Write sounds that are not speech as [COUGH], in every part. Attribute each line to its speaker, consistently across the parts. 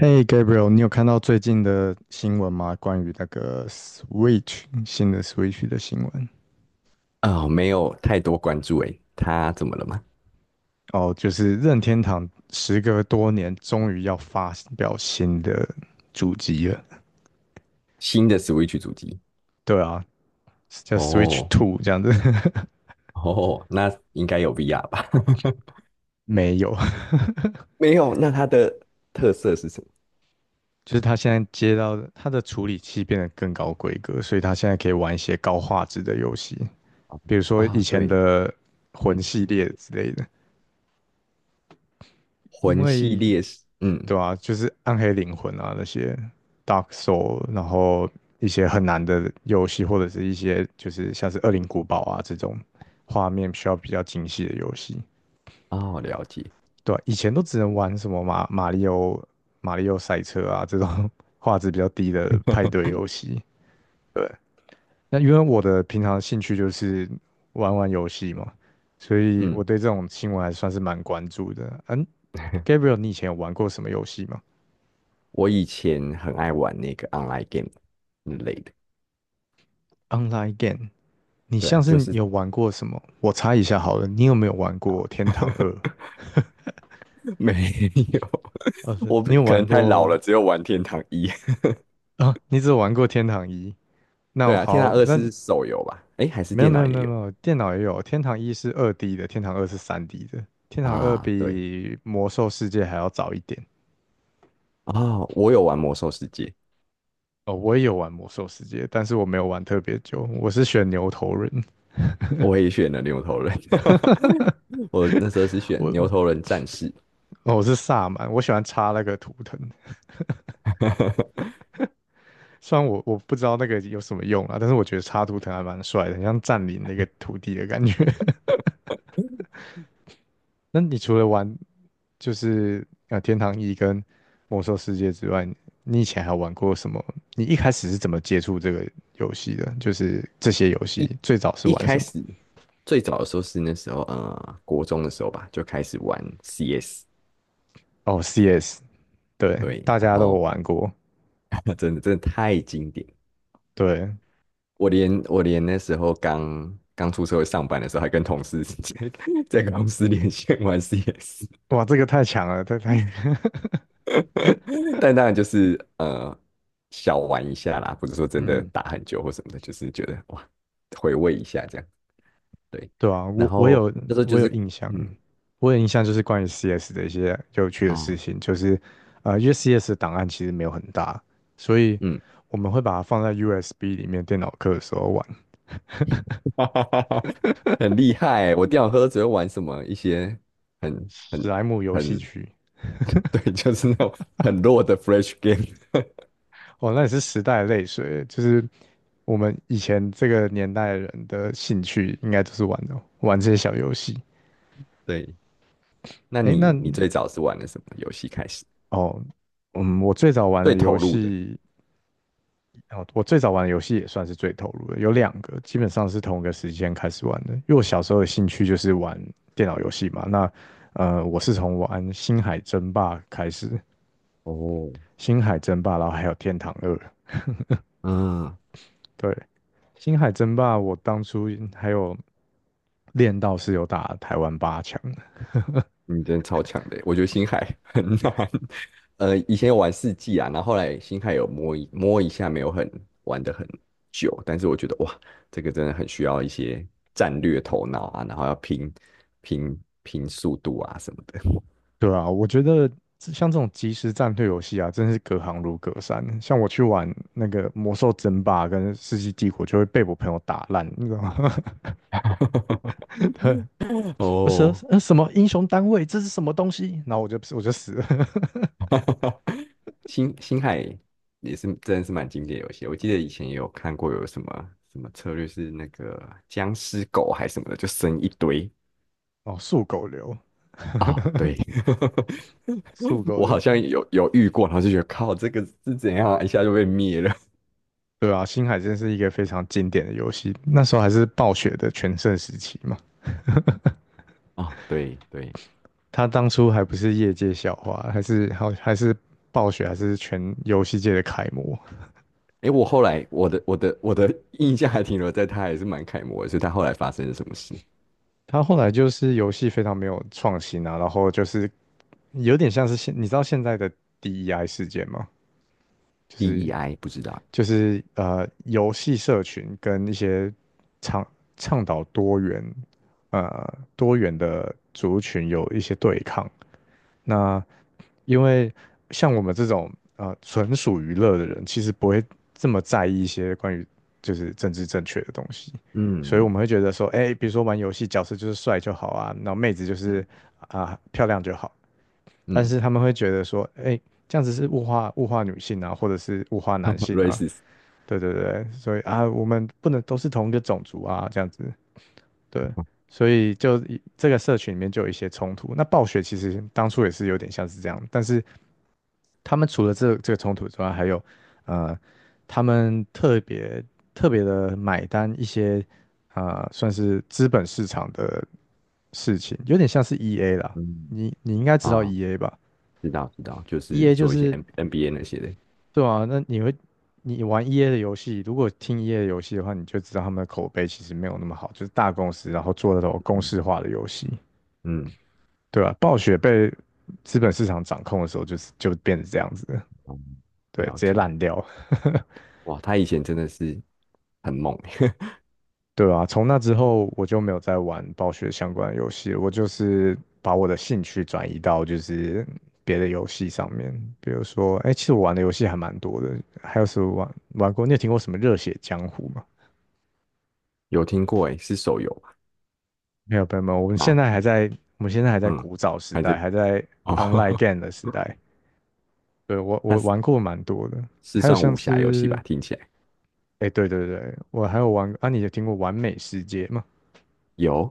Speaker 1: 嘿 Gabriel，你有看到最近的新闻吗？关于新的 Switch 的新闻
Speaker 2: 啊、没有太多关注诶，它怎么了吗？
Speaker 1: 哦，就是任天堂时隔多年终于要发表新的主机了。
Speaker 2: 新的 Switch 主机？
Speaker 1: 对啊，叫 Switch
Speaker 2: 哦
Speaker 1: Two 这样子，
Speaker 2: 哦，那应该有 VR 吧？[LAUGHS]
Speaker 1: [LAUGHS] 没有，
Speaker 2: 没有，那它的特色是什
Speaker 1: 就是他现在接到的它的处理器变得更高规格，所以他现在可以玩一些高画质的游戏，比如
Speaker 2: 么？
Speaker 1: 说以
Speaker 2: 啊、
Speaker 1: 前
Speaker 2: 对，
Speaker 1: 的魂
Speaker 2: 嗯，
Speaker 1: 系列之类的。因
Speaker 2: 魂系
Speaker 1: 为
Speaker 2: 列是，嗯，
Speaker 1: 对啊，就是暗黑灵魂啊那些 Dark Soul，然后一些很难的游戏，或者是一些就是像是《恶灵古堡》啊这种画面需要比较精细的游戏。
Speaker 2: 哦，了解，
Speaker 1: 对啊以前都只能玩什么马里奥、马里奥赛车啊这种 [LAUGHS] 画质比较低的派对游戏。对，那因为我的平常兴趣就是玩玩游戏嘛，所以我
Speaker 2: 嗯，
Speaker 1: 对这种新闻还算是蛮关注的。嗯
Speaker 2: [LAUGHS]
Speaker 1: ，Gabriel，你以前有玩过什么游戏吗？
Speaker 2: 我以前很爱玩那个 online game 之类的，
Speaker 1: Online game，你
Speaker 2: 对啊，
Speaker 1: 像
Speaker 2: 就
Speaker 1: 是
Speaker 2: 是
Speaker 1: 有玩过什么？我猜一下好了，你有没有玩过《天堂二》？
Speaker 2: [LAUGHS] 没有，我
Speaker 1: 你有
Speaker 2: 可
Speaker 1: 玩
Speaker 2: 能太老
Speaker 1: 过
Speaker 2: 了，只有玩天堂一。
Speaker 1: 啊？你只有玩过《天堂一》？
Speaker 2: [LAUGHS]
Speaker 1: 那
Speaker 2: 对
Speaker 1: 我
Speaker 2: 啊，天堂
Speaker 1: 好，
Speaker 2: 二
Speaker 1: 那
Speaker 2: 是手游吧？诶，还是
Speaker 1: 没有
Speaker 2: 电
Speaker 1: 没
Speaker 2: 脑
Speaker 1: 有
Speaker 2: 也
Speaker 1: 没有没
Speaker 2: 有
Speaker 1: 有，电脑也有，《天堂一》是2D 的，《天堂二》是3D 的，《天堂二》
Speaker 2: 啊？
Speaker 1: 比
Speaker 2: 对，
Speaker 1: 《魔兽世界》还要早一点。
Speaker 2: 啊、我有玩魔兽世界，
Speaker 1: 哦，我也有玩《魔兽世界》，但是我没有玩特别久，我是选牛头人，
Speaker 2: 我也选了牛头人，[LAUGHS] 我那时候是选牛
Speaker 1: 我
Speaker 2: 头人战士。
Speaker 1: 哦我是萨满，我喜欢插那个图腾。
Speaker 2: [LAUGHS]
Speaker 1: 虽然我不知道那个有什么用啊，但是我觉得插图腾还蛮帅的，很像占领那个土地的感觉。[LAUGHS] 那你除了玩就是天堂一跟魔兽世界之外，你以前还有玩过什么？你一开始是怎么接触这个游戏的？就是这些游
Speaker 2: 一
Speaker 1: 戏最早是
Speaker 2: 一
Speaker 1: 玩什
Speaker 2: 开
Speaker 1: 么？
Speaker 2: 始最早的时候是那时候国中的时候吧，就开始玩 CS，
Speaker 1: 哦，CS，对，
Speaker 2: 对，
Speaker 1: 大
Speaker 2: 然
Speaker 1: 家都有
Speaker 2: 后
Speaker 1: 玩过，
Speaker 2: [LAUGHS] 真的真的太经典，
Speaker 1: 对，
Speaker 2: 我连那时候刚刚出社会上班的时候，还跟同事 [LAUGHS] 在公司连线玩 CS。
Speaker 1: 哇，这个太强了，
Speaker 2: [LAUGHS] 但当然就是小玩一下啦，不是说
Speaker 1: [LAUGHS]
Speaker 2: 真的
Speaker 1: 嗯，
Speaker 2: 打很久或什么的，就是觉得哇回味一下这样。对，
Speaker 1: 对啊，
Speaker 2: 然
Speaker 1: 我我
Speaker 2: 后
Speaker 1: 有
Speaker 2: 那时候就
Speaker 1: 我
Speaker 2: 是
Speaker 1: 有印象，
Speaker 2: 嗯
Speaker 1: 我有印象就是关于 CS 的一些有趣的
Speaker 2: 啊
Speaker 1: 事情，就是因为 CS 的档案其实没有很大，所以
Speaker 2: 嗯，
Speaker 1: 我们会把它放在 USB 里面电脑课的时候玩，
Speaker 2: [LAUGHS] 哈哈哈哈很厉害欸，我电脑科只会玩什么一些很
Speaker 1: 史
Speaker 2: 很
Speaker 1: 莱姆游戏
Speaker 2: 很
Speaker 1: 区。
Speaker 2: [LAUGHS] 对，就是那种很弱的 Flash game。
Speaker 1: 哦，那也是时代的泪水，就是我们以前这个年代的人的兴趣应该就是玩这些小游戏。
Speaker 2: [LAUGHS] 对，那
Speaker 1: 诶，那
Speaker 2: 你最早是玩的什么游戏开始？
Speaker 1: 哦，嗯，
Speaker 2: 最投入的？
Speaker 1: 我最早玩的游戏也算是最投入的，有两个基本上是同一个时间开始玩的。因为我小时候的兴趣就是玩电脑游戏嘛，那我是从玩《星海争霸》开始，
Speaker 2: 哦，
Speaker 1: 《星海争霸》，然后还有《天堂二》。
Speaker 2: 嗯，
Speaker 1: 对，《星海争霸》我当初还有练到是有打台湾八强的。
Speaker 2: 嗯，真的超强的耶我觉得星海 [LAUGHS] 很难。以前有玩四季啊，然后后来星海有摸一摸一下，没有很玩的很久，但是我觉得哇，这个真的很需要一些战略头脑啊，然后要拼速度啊什么的。
Speaker 1: 对啊，我觉得像这种即时战略游戏啊，真是隔行如隔山。像我去玩那个《魔兽争霸》跟《世纪帝国》，就会被我朋友打烂，你知道吗？[LAUGHS] 对。
Speaker 2: [LAUGHS]
Speaker 1: 不是，
Speaker 2: 哦，
Speaker 1: 什么英雄单位，这是什么东西？然后我就死了。[LAUGHS]
Speaker 2: 星海也是真的是蛮经典的游戏，我记得以前也有看过有什么什么策略是那个僵尸狗还是什么的，就生一堆，
Speaker 1: 哦，速狗流，
Speaker 2: 啊，对，
Speaker 1: 速
Speaker 2: [LAUGHS]
Speaker 1: 狗
Speaker 2: 我好
Speaker 1: 流，
Speaker 2: 像有遇过，然后就觉得靠，这个是怎样啊一下就被灭了 [LAUGHS]
Speaker 1: 对啊，星海真是一个非常经典的游戏，那时候还是暴雪的全盛时期嘛。
Speaker 2: 啊！对对，
Speaker 1: 他当初还不是业界笑话，还是暴雪，还是全游戏界的楷模。
Speaker 2: 诶，我后来我的印象还停留在他还是蛮楷模的，所以他后来发生了什么事
Speaker 1: 他后来就是游戏非常没有创新啊，然后就是有点像是你知道现在的 DEI 事件吗？就是
Speaker 2: ？DEI 不知道，
Speaker 1: 就是游戏社群跟一些倡倡导多元多元的那，因为像我们这种纯属娱乐的人，其实不会这么在意一些关于就是政治正确的东西，所以我
Speaker 2: 嗯
Speaker 1: 们会觉得说，哎、比如说玩游戏角色就是帅就好啊，那妹子就是
Speaker 2: 嗯
Speaker 1: 啊、漂亮就好，但
Speaker 2: 嗯
Speaker 1: 是他们会觉得说，哎，这样子是物化女性啊，或者是物化
Speaker 2: ，racist 嗯
Speaker 1: 男
Speaker 2: [LAUGHS]
Speaker 1: 性啊，
Speaker 2: racist，
Speaker 1: 对对对，所以啊，我们不能都是同一个种族啊，这样子，对，所以就这个社群里面就有一些冲突。那暴雪其实当初也是有点像是这样，但是他们除了这个冲突之外，还有呃，他们特别特别的买单一些啊、算是资本市场的事情，有点像是 EA 啦，
Speaker 2: 嗯
Speaker 1: 你应该知道
Speaker 2: 啊，
Speaker 1: EA 吧？
Speaker 2: 知道知道，就是
Speaker 1: EA 就
Speaker 2: 做一些
Speaker 1: 是
Speaker 2: NBA 那些的，
Speaker 1: 对啊，那你玩 EA 的游戏，如果听 EA 的游戏的话，你就知道他们的口碑其实没有那么好，就是大公司然后做的那种公
Speaker 2: 嗯
Speaker 1: 式化的游戏，
Speaker 2: 嗯
Speaker 1: 对啊，暴雪被资本市场掌控的时候，就变成这样子了，
Speaker 2: 嗯，
Speaker 1: 对，
Speaker 2: 了
Speaker 1: 直接
Speaker 2: 解。
Speaker 1: 烂掉，
Speaker 2: 哇，他以前真的是很猛，[LAUGHS]
Speaker 1: 对啊，从那之后我就没有再玩暴雪相关的游戏了，我就是把我的兴趣转移到就是别的游戏上面，比如说，哎，其实我玩的游戏还蛮多的，还有什么玩过？你有听过什么《热血江湖》吗？
Speaker 2: 有听过诶，是手游
Speaker 1: 没有朋友们，
Speaker 2: 吗？
Speaker 1: 我们现在还在
Speaker 2: 嗯，
Speaker 1: 古早时
Speaker 2: 还
Speaker 1: 代，
Speaker 2: 在
Speaker 1: 还在
Speaker 2: 哦，
Speaker 1: online
Speaker 2: [LAUGHS]
Speaker 1: game 的时代。对，我
Speaker 2: 它
Speaker 1: 我
Speaker 2: 是
Speaker 1: 玩过蛮多的，
Speaker 2: 是
Speaker 1: 还有
Speaker 2: 算
Speaker 1: 像
Speaker 2: 武侠游戏
Speaker 1: 是，
Speaker 2: 吧？听起来
Speaker 1: 哎，对对对，我还有玩啊，你有听过《完美世界》吗？
Speaker 2: 有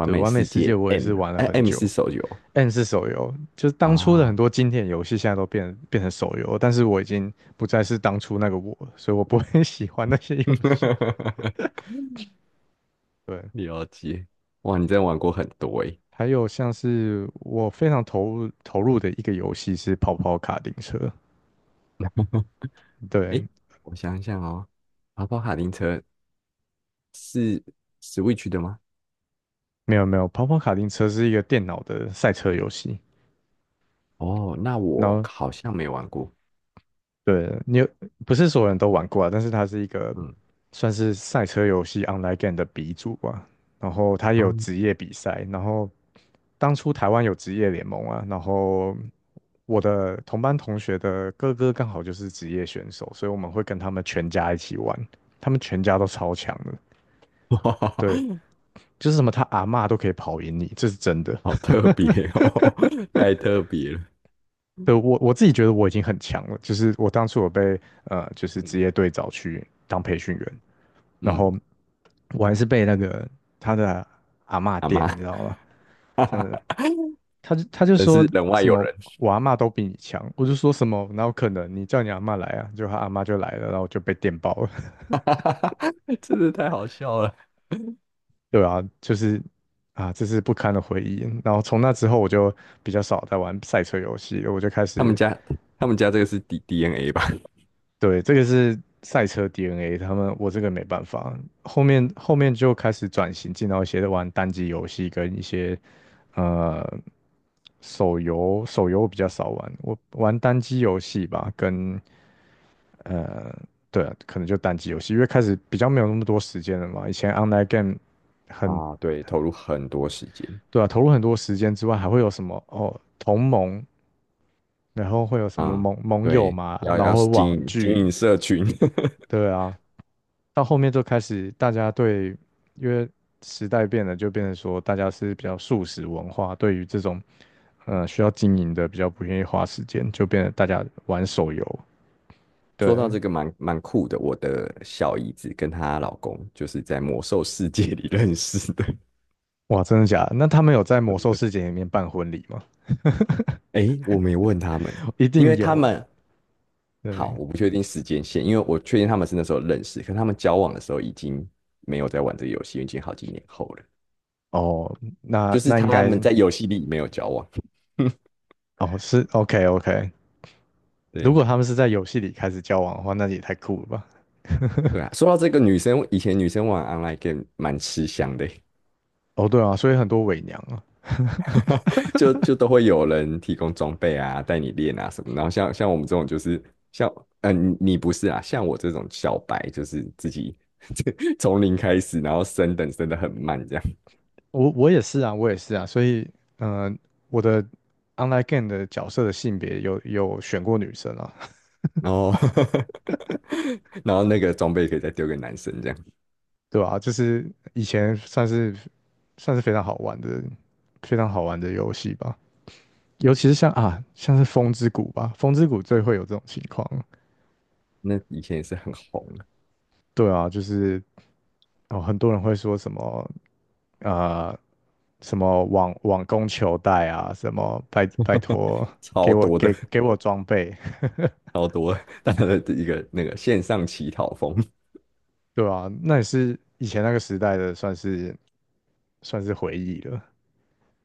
Speaker 2: 《完
Speaker 1: 对，
Speaker 2: 美
Speaker 1: 《完美
Speaker 2: 世
Speaker 1: 世界》
Speaker 2: 界
Speaker 1: 我也
Speaker 2: M》，
Speaker 1: 是玩了
Speaker 2: 哎
Speaker 1: 很
Speaker 2: ，M
Speaker 1: 久。
Speaker 2: 是手游
Speaker 1: N 是手游，就是
Speaker 2: 啊。
Speaker 1: 当初的很
Speaker 2: 哦
Speaker 1: 多经典游戏现在都变成手游，但是我已经不再是当初那个我了，所以我不会 [LAUGHS] 喜欢那些游戏。
Speaker 2: [LAUGHS]
Speaker 1: 对，
Speaker 2: 了解，哇，你真的玩过很多诶。
Speaker 1: 还有像是我非常投入投入的一个游戏是跑跑卡丁车。对，
Speaker 2: 诶，我想想哦，跑跑卡丁车是 Switch 的吗？
Speaker 1: 没有没有，跑跑卡丁车是一个电脑的赛车游戏，
Speaker 2: 哦，那
Speaker 1: 然
Speaker 2: 我
Speaker 1: 后
Speaker 2: 好像没玩过。
Speaker 1: 对不是所有人都玩过啊，但是它是一个
Speaker 2: 嗯
Speaker 1: 算是赛车游戏 online game 的鼻祖吧。然后它也有
Speaker 2: 嗯，
Speaker 1: 职业比赛，然后当初台湾有职业联盟啊，然后我的同班同学的哥哥刚好就是职业选手，所以我们会跟他们全家一起玩，他们全家都超强的，
Speaker 2: [LAUGHS]
Speaker 1: 对，
Speaker 2: 哇
Speaker 1: 就是什么他阿嬷都可以跑赢你，这是真的。
Speaker 2: 好特别哦，[LAUGHS] 太特别了。
Speaker 1: 对，我自己觉得我已经很强了，就是我当初就是职
Speaker 2: 嗯
Speaker 1: 业队找去当培训员，然后
Speaker 2: 嗯，
Speaker 1: 我还是被那个他的阿嬷
Speaker 2: 阿
Speaker 1: 电，
Speaker 2: 妈，
Speaker 1: 你知道吗？真的，
Speaker 2: [LAUGHS]
Speaker 1: 他就
Speaker 2: 真
Speaker 1: 说
Speaker 2: 是人外
Speaker 1: 什
Speaker 2: 有
Speaker 1: 么
Speaker 2: 人。
Speaker 1: 我阿嬷都比你强，我就说什么哪有可能？你叫你阿嬷来啊，就他阿嬷就来了，然后我就被电爆了。
Speaker 2: [LAUGHS] 哈哈哈哈，[LAUGHS] 真的太好笑了。
Speaker 1: [LAUGHS] 对啊，就是啊，这是不堪的回忆。然后从那之后我就比较少在玩赛车游戏了，我就开
Speaker 2: 他们
Speaker 1: 始。
Speaker 2: 家，他们家这个是 DNA 吧？
Speaker 1: 对，这个是赛车 DNA，他们我这个没办法。后面就开始转型，进到一些玩单机游戏跟一些呃手游，手游我比较少玩，我玩单机游戏吧，呃对啊，可能就单机游戏，因为开始比较没有那么多时间了嘛。以前 online game
Speaker 2: [LAUGHS]
Speaker 1: 很
Speaker 2: 啊，对，投入很多时间
Speaker 1: 对啊，投入很多时间之外，还会有什么同盟，然后会有什么
Speaker 2: 啊，
Speaker 1: 盟友
Speaker 2: 对，
Speaker 1: 嘛，
Speaker 2: 要
Speaker 1: 然
Speaker 2: 要
Speaker 1: 后
Speaker 2: 经
Speaker 1: 网
Speaker 2: 营经
Speaker 1: 剧，
Speaker 2: 营社群。
Speaker 1: 对啊，到后面就开始大家对，因为时代变了，就变成说大家是比较素食文化，对于这种需要经营的比较不愿意花时间，就变得大家玩手游。
Speaker 2: [LAUGHS] 说
Speaker 1: 对，
Speaker 2: 到这个蛮酷的，我的小姨子跟她老公就是在魔兽世界里认识的，
Speaker 1: 哇，真的假的？那他们有在
Speaker 2: [LAUGHS]
Speaker 1: 魔
Speaker 2: 真
Speaker 1: 兽世
Speaker 2: 的。
Speaker 1: 界里面办婚礼吗？
Speaker 2: 诶，我没问他们，
Speaker 1: [LAUGHS] 一
Speaker 2: 因
Speaker 1: 定
Speaker 2: 为他
Speaker 1: 有。
Speaker 2: 们
Speaker 1: 对，
Speaker 2: 好，我不确定时间线，因为我确定他们是那时候认识，可他们交往的时候已经没有在玩这个游戏，已经好几年后了。
Speaker 1: 哦，那
Speaker 2: 就是
Speaker 1: 那应
Speaker 2: 他
Speaker 1: 该
Speaker 2: 们在游戏里没有交往。
Speaker 1: 哦是 OK OK。如
Speaker 2: 对
Speaker 1: 果他们是在游戏里开始交往的话，那也太酷了吧？[LAUGHS]
Speaker 2: 对啊，说到这个女生，以前女生玩 online game 蛮吃香的，
Speaker 1: 哦，对啊，所以很多伪娘啊。
Speaker 2: [LAUGHS] 就都会有人提供装备啊，带你练啊什么。然后像我们这种就是像你不是啊，像我这种小白就是自己 [LAUGHS] 从零开始，然后升等升的很慢这样，
Speaker 1: 我也是啊，我也是啊，所以，嗯、我的 online game 的角色的性别有选过女生啊，
Speaker 2: 然后 [LAUGHS] 然后那个装备可以再丢给男生这样。
Speaker 1: [LAUGHS] 对吧、就是以前算是非常好玩的，非常好玩的游戏吧。尤其是像是风之谷吧，风之谷最会有这种情况。
Speaker 2: 那以前也是很红的，
Speaker 1: 对啊，就是哦，很多人会说什么啊，什么网工求带啊，什么拜拜
Speaker 2: [LAUGHS]
Speaker 1: 托给
Speaker 2: 超
Speaker 1: 我
Speaker 2: 多的，
Speaker 1: 给给我装备，
Speaker 2: 超多的大家的一个那个线上乞讨风。
Speaker 1: 对啊，那也是以前那个时代的，算是回忆了，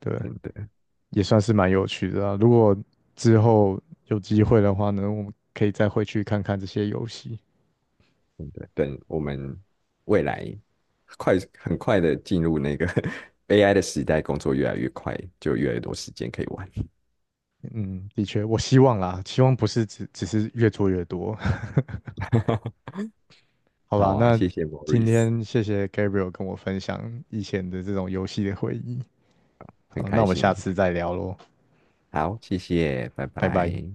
Speaker 1: 对，
Speaker 2: 真的
Speaker 1: 也算是蛮有趣的啊。如果之后有机会的话呢，我们可以再回去看看这些游戏。
Speaker 2: 真的，等我们未来很快的进入那个 [LAUGHS] AI 的时代，工作越来越快，就越来越多时间可以玩。
Speaker 1: 嗯，的确，我希望啦，希望不是只是越做越多。
Speaker 2: [LAUGHS]
Speaker 1: [LAUGHS] 好
Speaker 2: 好
Speaker 1: 啦，
Speaker 2: 啊，
Speaker 1: 那
Speaker 2: 谢谢
Speaker 1: 今
Speaker 2: Morris，
Speaker 1: 天谢谢 Gabriel 跟我分享以前的这种游戏的回忆。
Speaker 2: 很
Speaker 1: 好，那
Speaker 2: 开
Speaker 1: 我们
Speaker 2: 心。
Speaker 1: 下次再聊喽，
Speaker 2: 好，谢谢，拜
Speaker 1: 拜拜。
Speaker 2: 拜。